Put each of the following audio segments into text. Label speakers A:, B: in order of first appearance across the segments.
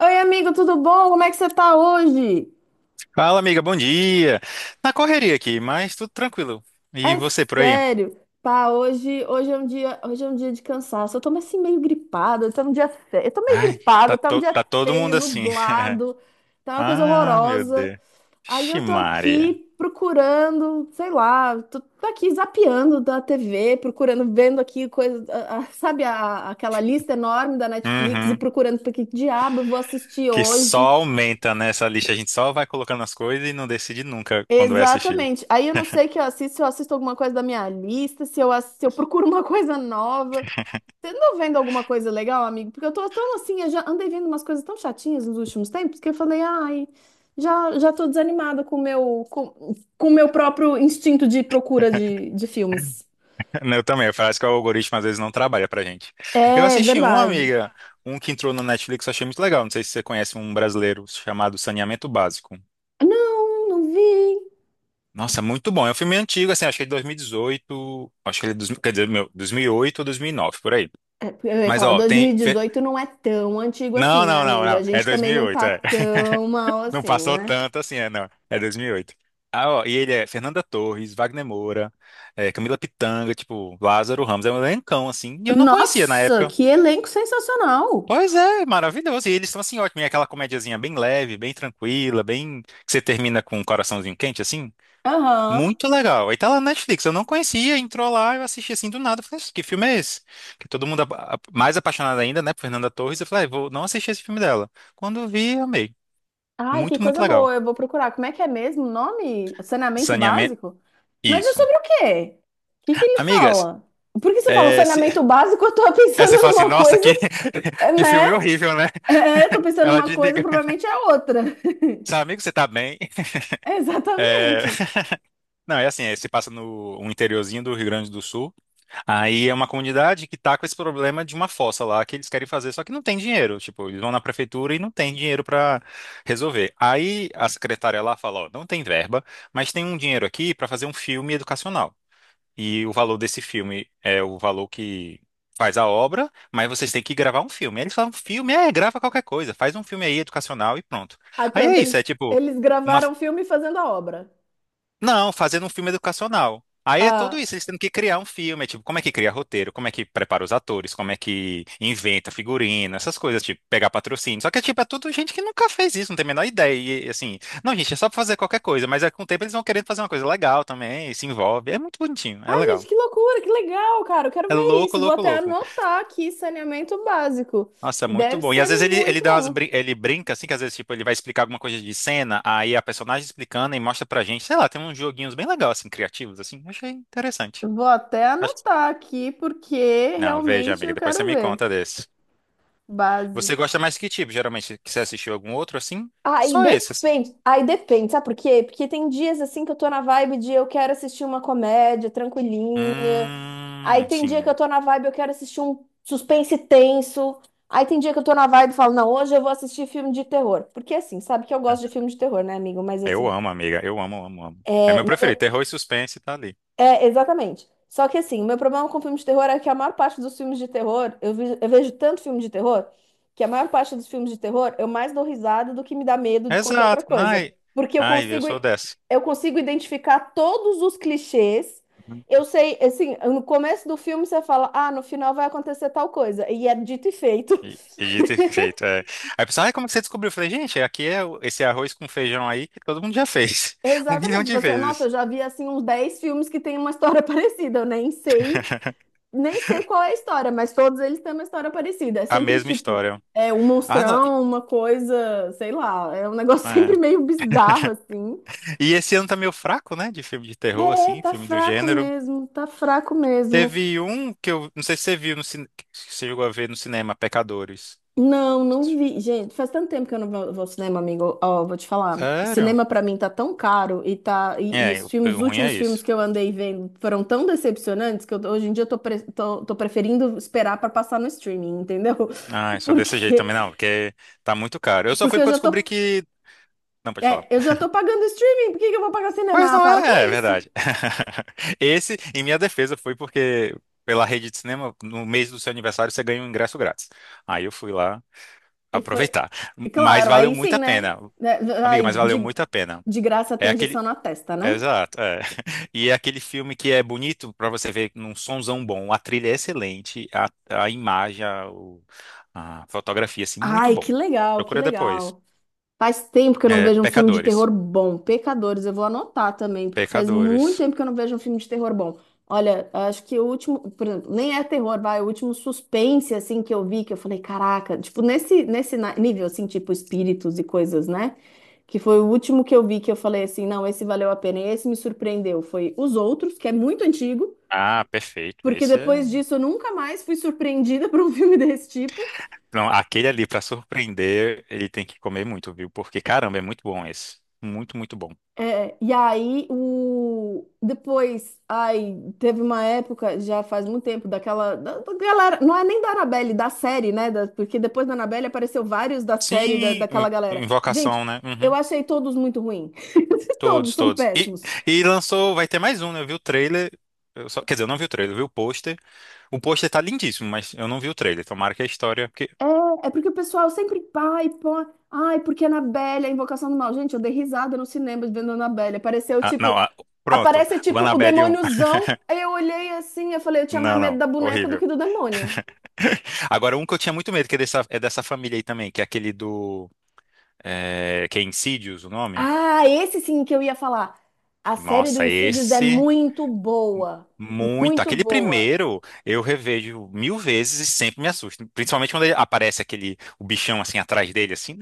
A: Oi, amigo, tudo bom? Como é que você tá hoje?
B: Fala, amiga, bom dia. Na correria aqui, mas tudo tranquilo. E
A: É
B: você por aí?
A: sério. Pá, hoje, hoje é um dia de cansaço. Eu tô assim meio gripada, tá um dia feio. Eu tô meio
B: Ai, tá,
A: gripada, tá um dia
B: tá todo
A: feio,
B: mundo assim.
A: nublado, tá uma coisa
B: Ah, meu
A: horrorosa.
B: Deus.
A: Aí eu tô
B: Ximaria.
A: aqui procurando, sei lá, tô aqui zapeando da TV, procurando, vendo aqui coisa, sabe, aquela lista enorme da Netflix e
B: Uhum.
A: procurando pra que diabo eu vou assistir
B: Que só
A: hoje.
B: aumenta nessa lista. A gente só vai colocando as coisas e não decide nunca quando vai assistir.
A: Exatamente. Aí eu não sei que eu assisto, se eu assisto alguma coisa da minha lista, se eu, se eu procuro uma coisa nova. Você andou vendo alguma coisa legal, amigo? Porque eu tô tão assim, eu já andei vendo umas coisas tão chatinhas nos últimos tempos que eu falei, ai, já tô desanimada com o meu, com o meu próprio instinto de procura de filmes.
B: Eu também. Parece que o algoritmo às vezes não trabalha pra gente. Eu
A: É
B: assisti um,
A: verdade.
B: amiga, um que entrou no Netflix, eu achei muito legal. Não sei se você conhece um brasileiro chamado Saneamento Básico.
A: Não, não vi.
B: Nossa, é muito bom. É um filme antigo, assim, acho que é de 2018, acho que ele é dos, quer dizer, meu, 2008 ou 2009 por aí.
A: É, eu ia
B: Mas,
A: falar,
B: ó, tem.
A: 2018 não é tão antigo assim,
B: Não,
A: né,
B: não, não,
A: amigo? A
B: não. É
A: gente também não
B: 2008,
A: tá
B: é.
A: tão mal
B: Não
A: assim,
B: passou
A: né?
B: tanto assim, é, não. É 2008. Ah, ó, e ele é Fernanda Torres, Wagner Moura, é, Camila Pitanga, tipo, Lázaro Ramos. É um elencão, assim, e eu não conhecia na
A: Nossa,
B: época.
A: que elenco sensacional!
B: Pois é, maravilhoso. E eles estão, assim, ótimo. E é aquela comediazinha bem leve, bem tranquila, bem. Que você termina com um coraçãozinho quente, assim.
A: Aham.
B: Muito legal. Aí tá lá na Netflix. Eu não conhecia, entrou lá, eu assisti assim do nada. Falei, "Isso, que filme é esse? Que todo mundo mais apaixonado ainda, né, por Fernanda Torres. Eu falei, "Ah, vou não assistir esse filme dela. Quando eu vi, amei.
A: Ai, que
B: Muito, muito
A: coisa
B: legal.
A: boa. Eu vou procurar. Como é que é mesmo o nome? Saneamento
B: Saneamento.
A: básico? Mas é
B: Isso.
A: sobre o quê? O que que eles
B: Amigas,
A: falam? Porque você fala
B: é, se...
A: saneamento básico, eu tô
B: aí você
A: pensando
B: fala assim,
A: numa
B: nossa,
A: coisa,
B: que
A: né?
B: filme horrível, né?
A: Eu tô pensando
B: Ela
A: numa coisa,
B: desliga.
A: provavelmente é outra.
B: Seu amigo, você tá bem? É,
A: Exatamente.
B: Não, é assim, é, se passa no um interiorzinho do Rio Grande do Sul. Aí é uma comunidade que tá com esse problema de uma fossa lá que eles querem fazer, só que não tem dinheiro. Tipo, eles vão na prefeitura e não tem dinheiro para resolver. Aí a secretária lá fala, ó, não tem verba, mas tem um dinheiro aqui para fazer um filme educacional. E o valor desse filme é o valor que faz a obra, mas vocês têm que gravar um filme. Aí eles falam, filme, é, grava qualquer coisa, faz um filme aí educacional e pronto.
A: Aí
B: Aí é
A: pronto,
B: isso, é tipo
A: eles
B: uma
A: gravaram o filme fazendo a obra.
B: não, fazendo um filme educacional. Aí é
A: Ah.
B: tudo isso, eles tendo que criar um filme, é tipo, como é que cria roteiro, como é que prepara os atores, como é que inventa figurino, essas coisas, tipo, pegar patrocínio. Só que, tipo, é tudo gente que nunca fez isso, não tem a menor ideia. E, assim, não, gente, é só pra fazer qualquer coisa, mas aí, com o tempo eles vão querendo fazer uma coisa legal também, e se envolve. É muito bonitinho, é
A: Ah, gente,
B: legal.
A: que loucura, que legal, cara. Eu quero
B: É
A: ver
B: louco,
A: isso. Vou
B: louco,
A: até
B: louco.
A: anotar aqui saneamento básico.
B: Nossa, é muito
A: Deve
B: bom. E
A: ser
B: às vezes
A: muito bom.
B: ele brinca, assim, que às vezes, tipo, ele vai explicar alguma coisa de cena, aí a personagem explicando e mostra pra gente, sei lá, tem uns joguinhos bem legais, assim, criativos, assim. Achei interessante.
A: Vou até anotar aqui porque
B: Não, veja,
A: realmente
B: amiga,
A: eu
B: depois você
A: quero
B: me
A: ver.
B: conta desse.
A: Básico.
B: Você gosta mais que tipo, geralmente? Que você assistiu algum outro assim? Só esse, assim.
A: Aí depende, sabe por quê? Porque tem dias assim que eu tô na vibe de eu quero assistir uma comédia tranquilinha. Aí tem dia que eu
B: Sim.
A: tô na vibe eu quero assistir um suspense tenso. Aí tem dia que eu tô na vibe e falo, não, hoje eu vou assistir filme de terror. Porque assim, sabe que eu gosto de filme de terror, né, amigo? Mas
B: Eu
A: assim,
B: amo, amiga. Eu amo, amo, amo. É
A: é,
B: meu preferido. Terror e suspense tá ali.
A: É, exatamente. Só que assim, o meu problema com filmes de terror é que a maior parte dos filmes de terror, eu vejo tanto filme de terror, que a maior parte dos filmes de terror eu mais dou risada do que me dá medo de qualquer outra
B: Exato.
A: coisa.
B: Ai,
A: Porque eu
B: ai, eu
A: consigo,
B: sou
A: i-
B: dessa.
A: Eu consigo identificar todos os clichês.
B: Uhum.
A: Eu sei, assim, no começo do filme você fala, ah, no final vai acontecer tal coisa. E é dito e feito.
B: E, e dito e feito. É. Aí a pessoa, ai, como que você descobriu? Eu falei, gente, aqui é esse arroz com feijão aí que todo mundo já fez. Um milhão
A: Exatamente.
B: de
A: Você, nossa,
B: vezes.
A: eu já vi assim uns 10 filmes que tem uma história parecida, eu nem sei. Nem sei qual é a história, mas todos eles têm uma história parecida. É
B: A
A: sempre
B: mesma
A: tipo,
B: história.
A: é um
B: Ah, não.
A: monstrão, uma coisa, sei lá, é um negócio
B: É.
A: sempre meio bizarro assim.
B: E esse ano tá meio fraco, né? De filme de terror,
A: É,
B: assim,
A: tá
B: filme do
A: fraco
B: gênero.
A: mesmo, tá fraco mesmo.
B: Teve um que eu não sei se você viu no cinema, que você chegou a ver no cinema, Pecadores.
A: Não, não vi. Gente, faz tanto tempo que eu não vou ao cinema, amigo. Ó, vou te falar.
B: Sério?
A: Cinema pra mim tá tão caro e e
B: É,
A: os
B: o
A: filmes, os
B: o ruim é
A: últimos filmes
B: isso.
A: que eu andei vendo foram tão decepcionantes que hoje em dia eu tô, tô preferindo esperar pra passar no streaming, entendeu?
B: Ah, só desse jeito
A: Porque
B: também não, porque tá muito caro. Eu só fui
A: porque eu
B: porque eu
A: já
B: descobri
A: tô
B: que. Não, pode falar.
A: É, eu já tô pagando streaming, por que que eu vou pagar
B: Mas
A: cinema? Ah,
B: não
A: para com
B: é, é
A: isso.
B: verdade. Esse, em minha defesa, foi porque pela rede de cinema, no mês do seu aniversário, você ganha um ingresso grátis. Aí eu fui lá
A: E foi.
B: aproveitar.
A: E
B: Mas
A: claro,
B: valeu
A: aí
B: muito
A: sim,
B: a
A: né?
B: pena.
A: Né,
B: Amiga,
A: ai,
B: mas valeu muito a pena.
A: de graça
B: É
A: tem
B: aquele.
A: injeção na testa, né?
B: Exato, é. E é aquele filme que é bonito pra você ver num sonzão bom, a trilha é excelente, a imagem, a fotografia, assim, muito
A: Ai,
B: bom.
A: que legal, que
B: Procura depois.
A: legal. Faz tempo que eu não
B: É,
A: vejo um filme de terror
B: Pecadores.
A: bom. Pecadores, eu vou anotar também, porque faz muito
B: Pecadores.
A: tempo que eu não vejo um filme de terror bom. Olha, acho que o último, por exemplo, nem é terror, vai, o último suspense assim que eu vi, que eu falei, caraca, tipo nível assim, tipo espíritos e coisas, né? Que foi o último que eu vi que eu falei assim, não, esse valeu a pena, e esse me surpreendeu. Foi Os Outros, que é muito antigo,
B: Ah, perfeito.
A: porque
B: Esse é.
A: depois disso eu nunca mais fui surpreendida por um filme desse tipo.
B: Não, aquele ali pra surpreender, ele tem que comer muito, viu? Porque caramba, é muito bom esse. Muito, muito bom.
A: É, e aí o depois, aí teve uma época, já faz muito tempo, daquela da galera, não é nem da Annabelle, da série, né? Porque depois da Annabelle apareceu vários da série
B: Sim,
A: daquela galera. Gente,
B: Invocação, né?
A: eu
B: Uhum.
A: achei todos muito ruim. Todos
B: Todos,
A: são
B: todos. E,
A: péssimos.
B: e lançou, vai ter mais um, né? Eu vi o trailer. Quer dizer, eu não vi o trailer, eu vi o pôster. O pôster tá lindíssimo, mas eu não vi o trailer. Tomara que a história. Porque.
A: É porque o pessoal sempre, pai, pô, ai, porque Annabelle, a invocação do mal. Gente, eu dei risada no cinema vendo Annabelle. Apareceu
B: Ah, não,
A: tipo,
B: ah, pronto.
A: aparece
B: O
A: tipo o
B: Annabelle um.
A: demôniozão. Aí eu olhei assim, eu falei, eu tinha mais
B: Não,
A: medo
B: não.
A: da boneca do
B: Horrível.
A: que do demônio.
B: Agora, um que eu tinha muito medo, que é dessa família aí também, que é aquele do. É, que é Insidious o nome?
A: Ah, esse sim que eu ia falar. A série do
B: Nossa,
A: Insidious é
B: esse.
A: muito boa.
B: Muito.
A: Muito
B: Aquele
A: boa.
B: primeiro eu revejo mil vezes e sempre me assusta. Principalmente quando ele aparece aquele o bichão assim atrás dele, assim.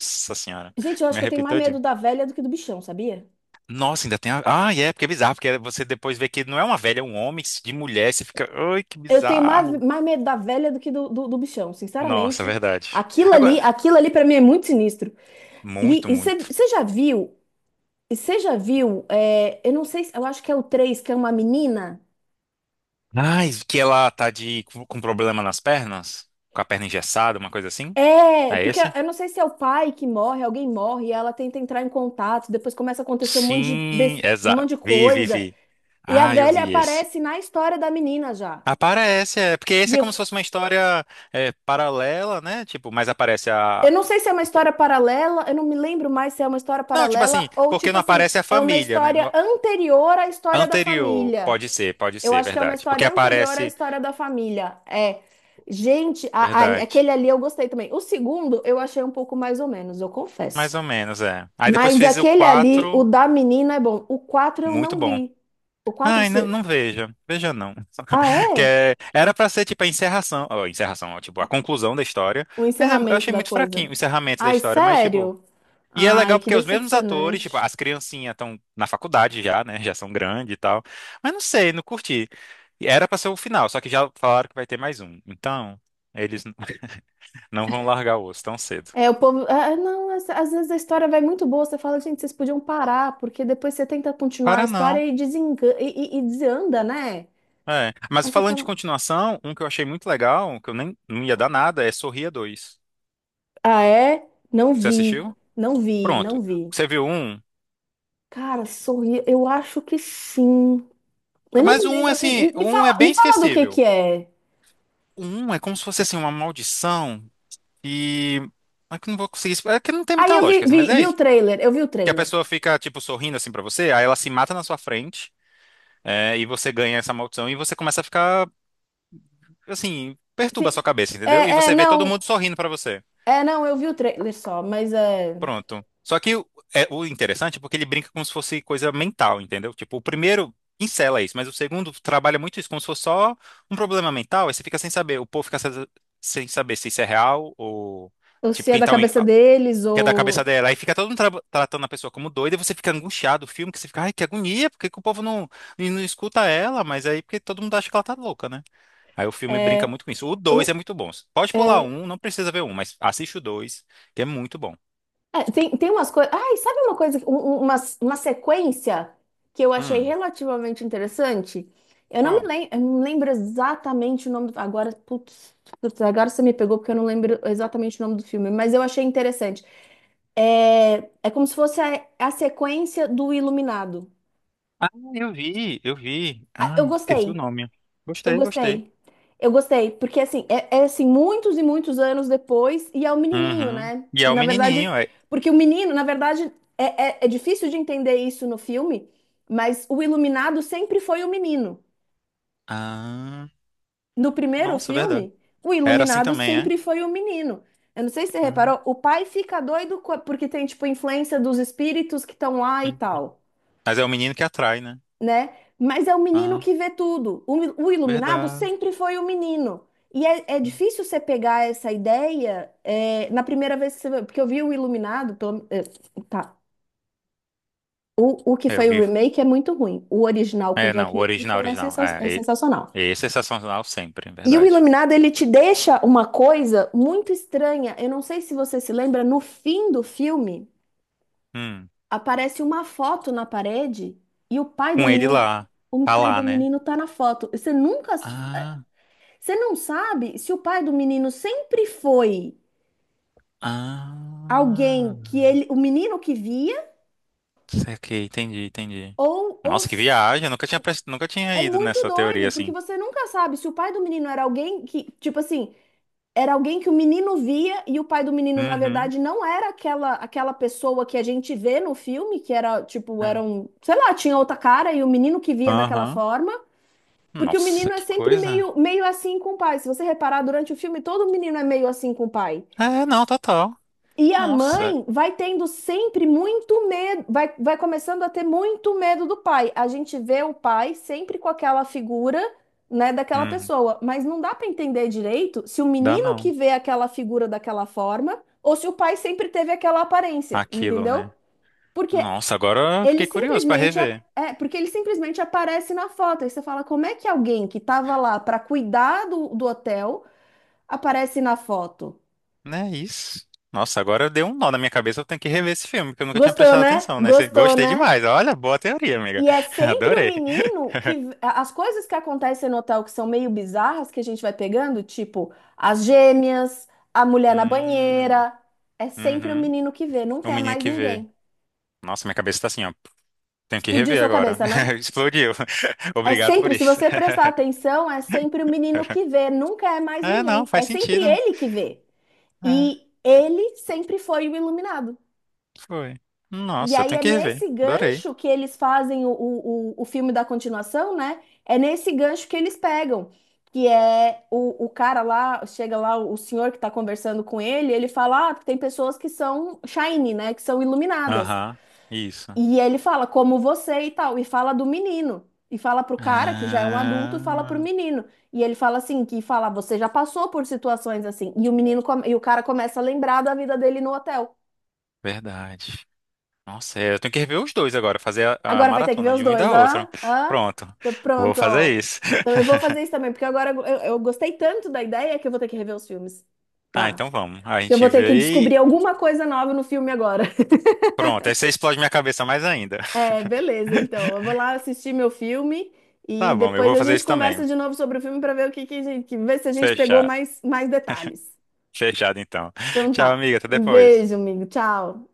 B: Nossa senhora.
A: Gente, eu acho
B: Me
A: que eu tenho
B: arrepio.
A: mais medo da velha do que do bichão, sabia?
B: Nossa, ainda tem a. Ah, é, porque é bizarro, porque você depois vê que não é uma velha, é um homem de mulher, você fica, ai, que
A: Eu tenho mais,
B: bizarro.
A: mais medo da velha do que do bichão,
B: Nossa, é
A: sinceramente.
B: verdade. Agora,
A: Aquilo ali para mim é muito sinistro. E
B: muito, muito.
A: você já viu? Você já viu? É, eu não sei, eu acho que é o 3 que é uma menina.
B: Ai, que ela tá de com problema nas pernas, com a perna engessada, uma coisa assim?
A: É,
B: É
A: porque
B: esse?
A: eu não sei se é o pai que morre, alguém morre, e ela tenta entrar em contato, depois começa a acontecer um monte de,
B: Sim,
A: um
B: exato.
A: monte de
B: Vi, vi,
A: coisa.
B: vi.
A: E a
B: Ah, eu
A: velha
B: vi esse.
A: aparece na história da menina já.
B: Aparece, é, porque esse
A: E
B: é
A: eu,
B: como se
A: f-
B: fosse uma história é, paralela, né? Tipo, mas aparece a.
A: eu não sei se é uma história paralela, eu não me lembro mais se é uma história
B: Não, tipo assim,
A: paralela ou
B: porque
A: tipo
B: não
A: assim,
B: aparece a
A: é uma
B: família, né?
A: história anterior à história da
B: Anterior,
A: família.
B: pode
A: Eu
B: ser,
A: acho que é uma
B: verdade. Porque
A: história anterior à
B: aparece,
A: história da família. É. Gente,
B: verdade.
A: aquele ali eu gostei também. O segundo eu achei um pouco mais ou menos, eu
B: Mais
A: confesso.
B: ou menos, é. Aí depois
A: Mas
B: fez o
A: aquele ali, o
B: 4,
A: da menina é bom. O quatro eu
B: muito
A: não
B: bom.
A: vi. O quatro.
B: Ai, não,
A: Se-
B: não veja, veja não.
A: Ah,
B: Que
A: é?
B: era pra ser tipo a encerração, ó, tipo a conclusão da história,
A: O
B: mas eu
A: encerramento
B: achei
A: da
B: muito fraquinho
A: coisa.
B: o encerramento da
A: Ai,
B: história, mas tipo,
A: sério?
B: e é
A: Ai,
B: legal
A: que
B: porque os mesmos atores, tipo,
A: decepcionante.
B: as criancinhas estão na faculdade já, né, já são grandes e tal, mas não sei, não curti. E era pra ser o final, só que já falaram que vai ter mais um, então eles não vão largar o osso tão cedo.
A: É, o povo. Ah, ah, não, às vezes a história vai muito boa. Você fala, gente, vocês podiam parar, porque depois você tenta continuar a
B: Para não.
A: história e desanda, né?
B: É. Mas
A: Aí você
B: falando de
A: fala,
B: continuação, um que eu achei muito legal, que eu nem não ia dar nada, é Sorria dois.
A: ah, é? Não
B: Você
A: vi,
B: assistiu?
A: não
B: Pronto.
A: vi.
B: Você viu um?
A: Cara, sorri, eu acho que sim. Eu não
B: Mas
A: me
B: um,
A: lembro.
B: assim,
A: Me
B: um é
A: fala,
B: bem
A: me fala do
B: esquecível.
A: que é.
B: Um é como se fosse, assim, uma maldição e... É que eu não vou conseguir explicar. É que não tem
A: Aí
B: muita
A: eu vi,
B: lógica, assim,
A: vi,
B: mas é
A: vi o
B: isso.
A: trailer, eu vi o
B: Que a
A: trailer.
B: pessoa fica, tipo, sorrindo, assim, pra você, aí ela se mata na sua frente, é, e você ganha essa maldição e você começa a ficar, assim, perturba a
A: Se-
B: sua cabeça,
A: É,
B: entendeu? E
A: é,
B: você vê
A: não.
B: todo mundo sorrindo pra você.
A: É, não, eu vi o trailer só, mas é.
B: Pronto. Só que é o interessante é porque ele brinca como se fosse coisa mental, entendeu? Tipo, o primeiro pincela isso, mas o segundo trabalha muito isso como se fosse só um problema mental, aí você fica sem saber, o povo fica sem saber se isso é real ou
A: Ou se
B: tipo
A: é
B: quem
A: da
B: tá
A: cabeça deles,
B: que é da cabeça
A: ou.
B: dela, aí fica todo mundo tratando a pessoa como doida, e você fica angustiado, o filme que você fica, ai, que agonia, porque que o povo não e não escuta ela, mas aí porque todo mundo acha que ela tá louca, né? Aí o filme brinca
A: É,
B: muito com isso. O dois é
A: o-
B: muito bom. Pode pular
A: é,
B: um, não precisa ver um, mas assiste o dois, que é muito bom.
A: é, tem, tem umas coisas. Ai, sabe uma coisa, uma sequência que eu achei
B: Hum,
A: relativamente interessante?
B: qual?
A: Eu não lembro exatamente o nome. Agora, putz, agora você me pegou porque eu não lembro exatamente o nome do filme, mas eu achei interessante. É, é como se fosse a sequência do Iluminado.
B: Ah, eu vi, eu vi.
A: Ah, eu
B: Ai, esqueci o
A: gostei.
B: nome.
A: Eu
B: Gostei, gostei.
A: gostei. Eu gostei, porque assim, assim, muitos e muitos anos depois, e é o menininho,
B: Uhum.
A: né?
B: E é
A: Que
B: o
A: na verdade,
B: menininho, é.
A: porque o menino, na verdade, é, é difícil de entender isso no filme, mas o iluminado sempre foi o menino.
B: Ah,
A: No primeiro
B: nossa, verdade.
A: filme, o
B: Era assim
A: iluminado
B: também, é?
A: sempre foi o menino. Eu não sei se você
B: Hum,
A: reparou, o pai fica doido porque tem, tipo, influência dos espíritos que estão lá e
B: hum.
A: tal,
B: Mas é o menino que atrai, né?
A: né? Mas é o menino
B: Ah,
A: que vê tudo. O iluminado
B: verdade.
A: sempre foi o menino. E é, é
B: Hum.
A: difícil você pegar essa ideia é, na primeira vez que você vê, porque eu vi o Iluminado, é, tá. O que
B: É, eu
A: foi o
B: vi.
A: remake é muito ruim. O original com
B: É, não,
A: Jack
B: o original,
A: Nicholson é,
B: original.
A: é
B: É,
A: sensacional.
B: esse é sensacional sempre, é
A: E o
B: verdade.
A: Iluminado, ele te deixa uma coisa muito estranha. Eu não sei se você se lembra, no fim do filme,
B: Hum.
A: aparece uma foto na parede e
B: Com ele lá.
A: o
B: Tá
A: pai
B: lá,
A: do
B: né?
A: menino tá na foto. Você nunca
B: Ah,
A: você não sabe se o pai do menino sempre foi alguém
B: ah.
A: que ele, o menino que via,
B: Saquei, entendi, entendi.
A: ou, ou
B: Nossa, que
A: s-
B: viagem. Eu nunca tinha
A: é
B: ido
A: muito
B: nessa teoria
A: doido, porque
B: assim.
A: você nunca sabe se o pai do menino era alguém que, tipo assim, era alguém que o menino via e o pai do menino, na
B: Uhum.
A: verdade, não era aquela pessoa que a gente vê no filme, que era, tipo,
B: É.
A: era um, sei lá, tinha outra cara e o menino que via daquela
B: Aham.
A: forma. Porque o
B: Nossa,
A: menino é
B: que
A: sempre
B: coisa.
A: meio, meio assim com o pai. Se você reparar, durante o filme, todo menino é meio assim com o pai.
B: É, não, total.
A: E a
B: Nossa.
A: mãe vai tendo sempre muito medo, vai começando a ter muito medo do pai. A gente vê o pai sempre com aquela figura, né, daquela
B: Hum,
A: pessoa, mas não dá para entender direito se o
B: dá
A: menino que
B: não.
A: vê aquela figura daquela forma ou se o pai sempre teve aquela aparência,
B: Aquilo,
A: entendeu?
B: né?
A: Porque
B: Nossa, agora eu fiquei curioso pra rever.
A: Porque ele simplesmente aparece na foto. Aí você fala, como é que alguém que estava lá para cuidar do hotel aparece na foto?
B: Né, isso. Nossa, agora deu um nó na minha cabeça, eu tenho que rever esse filme, porque eu nunca tinha
A: Gostou,
B: prestado
A: né?
B: atenção, né?
A: Gostou,
B: Gostei
A: né?
B: demais. Olha, boa teoria, amiga.
A: E é sempre um
B: Adorei.
A: menino que as coisas que acontecem no hotel que são meio bizarras que a gente vai pegando, tipo as gêmeas, a mulher na
B: Hum,
A: banheira, é sempre o
B: uhum.
A: menino que vê,
B: O
A: nunca é
B: menino
A: mais
B: que vê.
A: ninguém.
B: Nossa, minha cabeça tá assim, ó. Tenho que
A: Explodiu
B: rever
A: sua
B: agora.
A: cabeça, né?
B: Explodiu.
A: É
B: Obrigado por
A: sempre, se
B: isso.
A: você prestar atenção, é sempre o menino que vê, nunca é mais
B: É, não,
A: ninguém. É
B: faz
A: sempre
B: sentido.
A: ele que vê.
B: É.
A: E ele sempre foi o iluminado.
B: Foi.
A: E
B: Nossa, eu
A: aí
B: tenho
A: é
B: que rever.
A: nesse
B: Adorei.
A: gancho que eles fazem o o filme da continuação, né? É nesse gancho que eles pegam. Que é o cara lá, chega lá, o senhor que tá conversando com ele, ele fala: Ah, tem pessoas que são shiny, né? Que são iluminadas.
B: Aham, isso.
A: E ele fala, como você e tal, e fala do menino. E fala pro cara, que já é um adulto, e fala pro
B: Ah,
A: menino. E ele fala assim, que fala, você já passou por situações assim. E o menino, e o cara começa a lembrar da vida dele no hotel.
B: verdade. Nossa, é, eu tenho que rever os dois agora, fazer a
A: Agora vai ter que ver
B: maratona
A: os
B: de um e
A: dois,
B: da
A: hã?
B: outra.
A: Hã?
B: Pronto,
A: Tô
B: vou
A: pronto,
B: fazer
A: ó.
B: isso.
A: Então eu vou fazer isso também, porque agora eu gostei tanto da ideia que eu vou ter que rever os filmes.
B: Ah,
A: Pá.
B: então vamos. A
A: Porque eu
B: gente
A: vou ter que
B: vê
A: descobrir
B: e.
A: alguma coisa nova no filme agora.
B: Pronto, aí você explode minha cabeça mais ainda.
A: É, beleza, então. Eu vou lá assistir meu filme e
B: Tá bom, eu
A: depois
B: vou
A: a
B: fazer
A: gente
B: isso também.
A: conversa de novo sobre o filme para ver a que ver se a gente pegou
B: Fechado.
A: mais, mais detalhes.
B: Fechado então.
A: Então
B: Tchau,
A: tá.
B: amiga, até
A: Um
B: depois.
A: beijo, amigo. Tchau.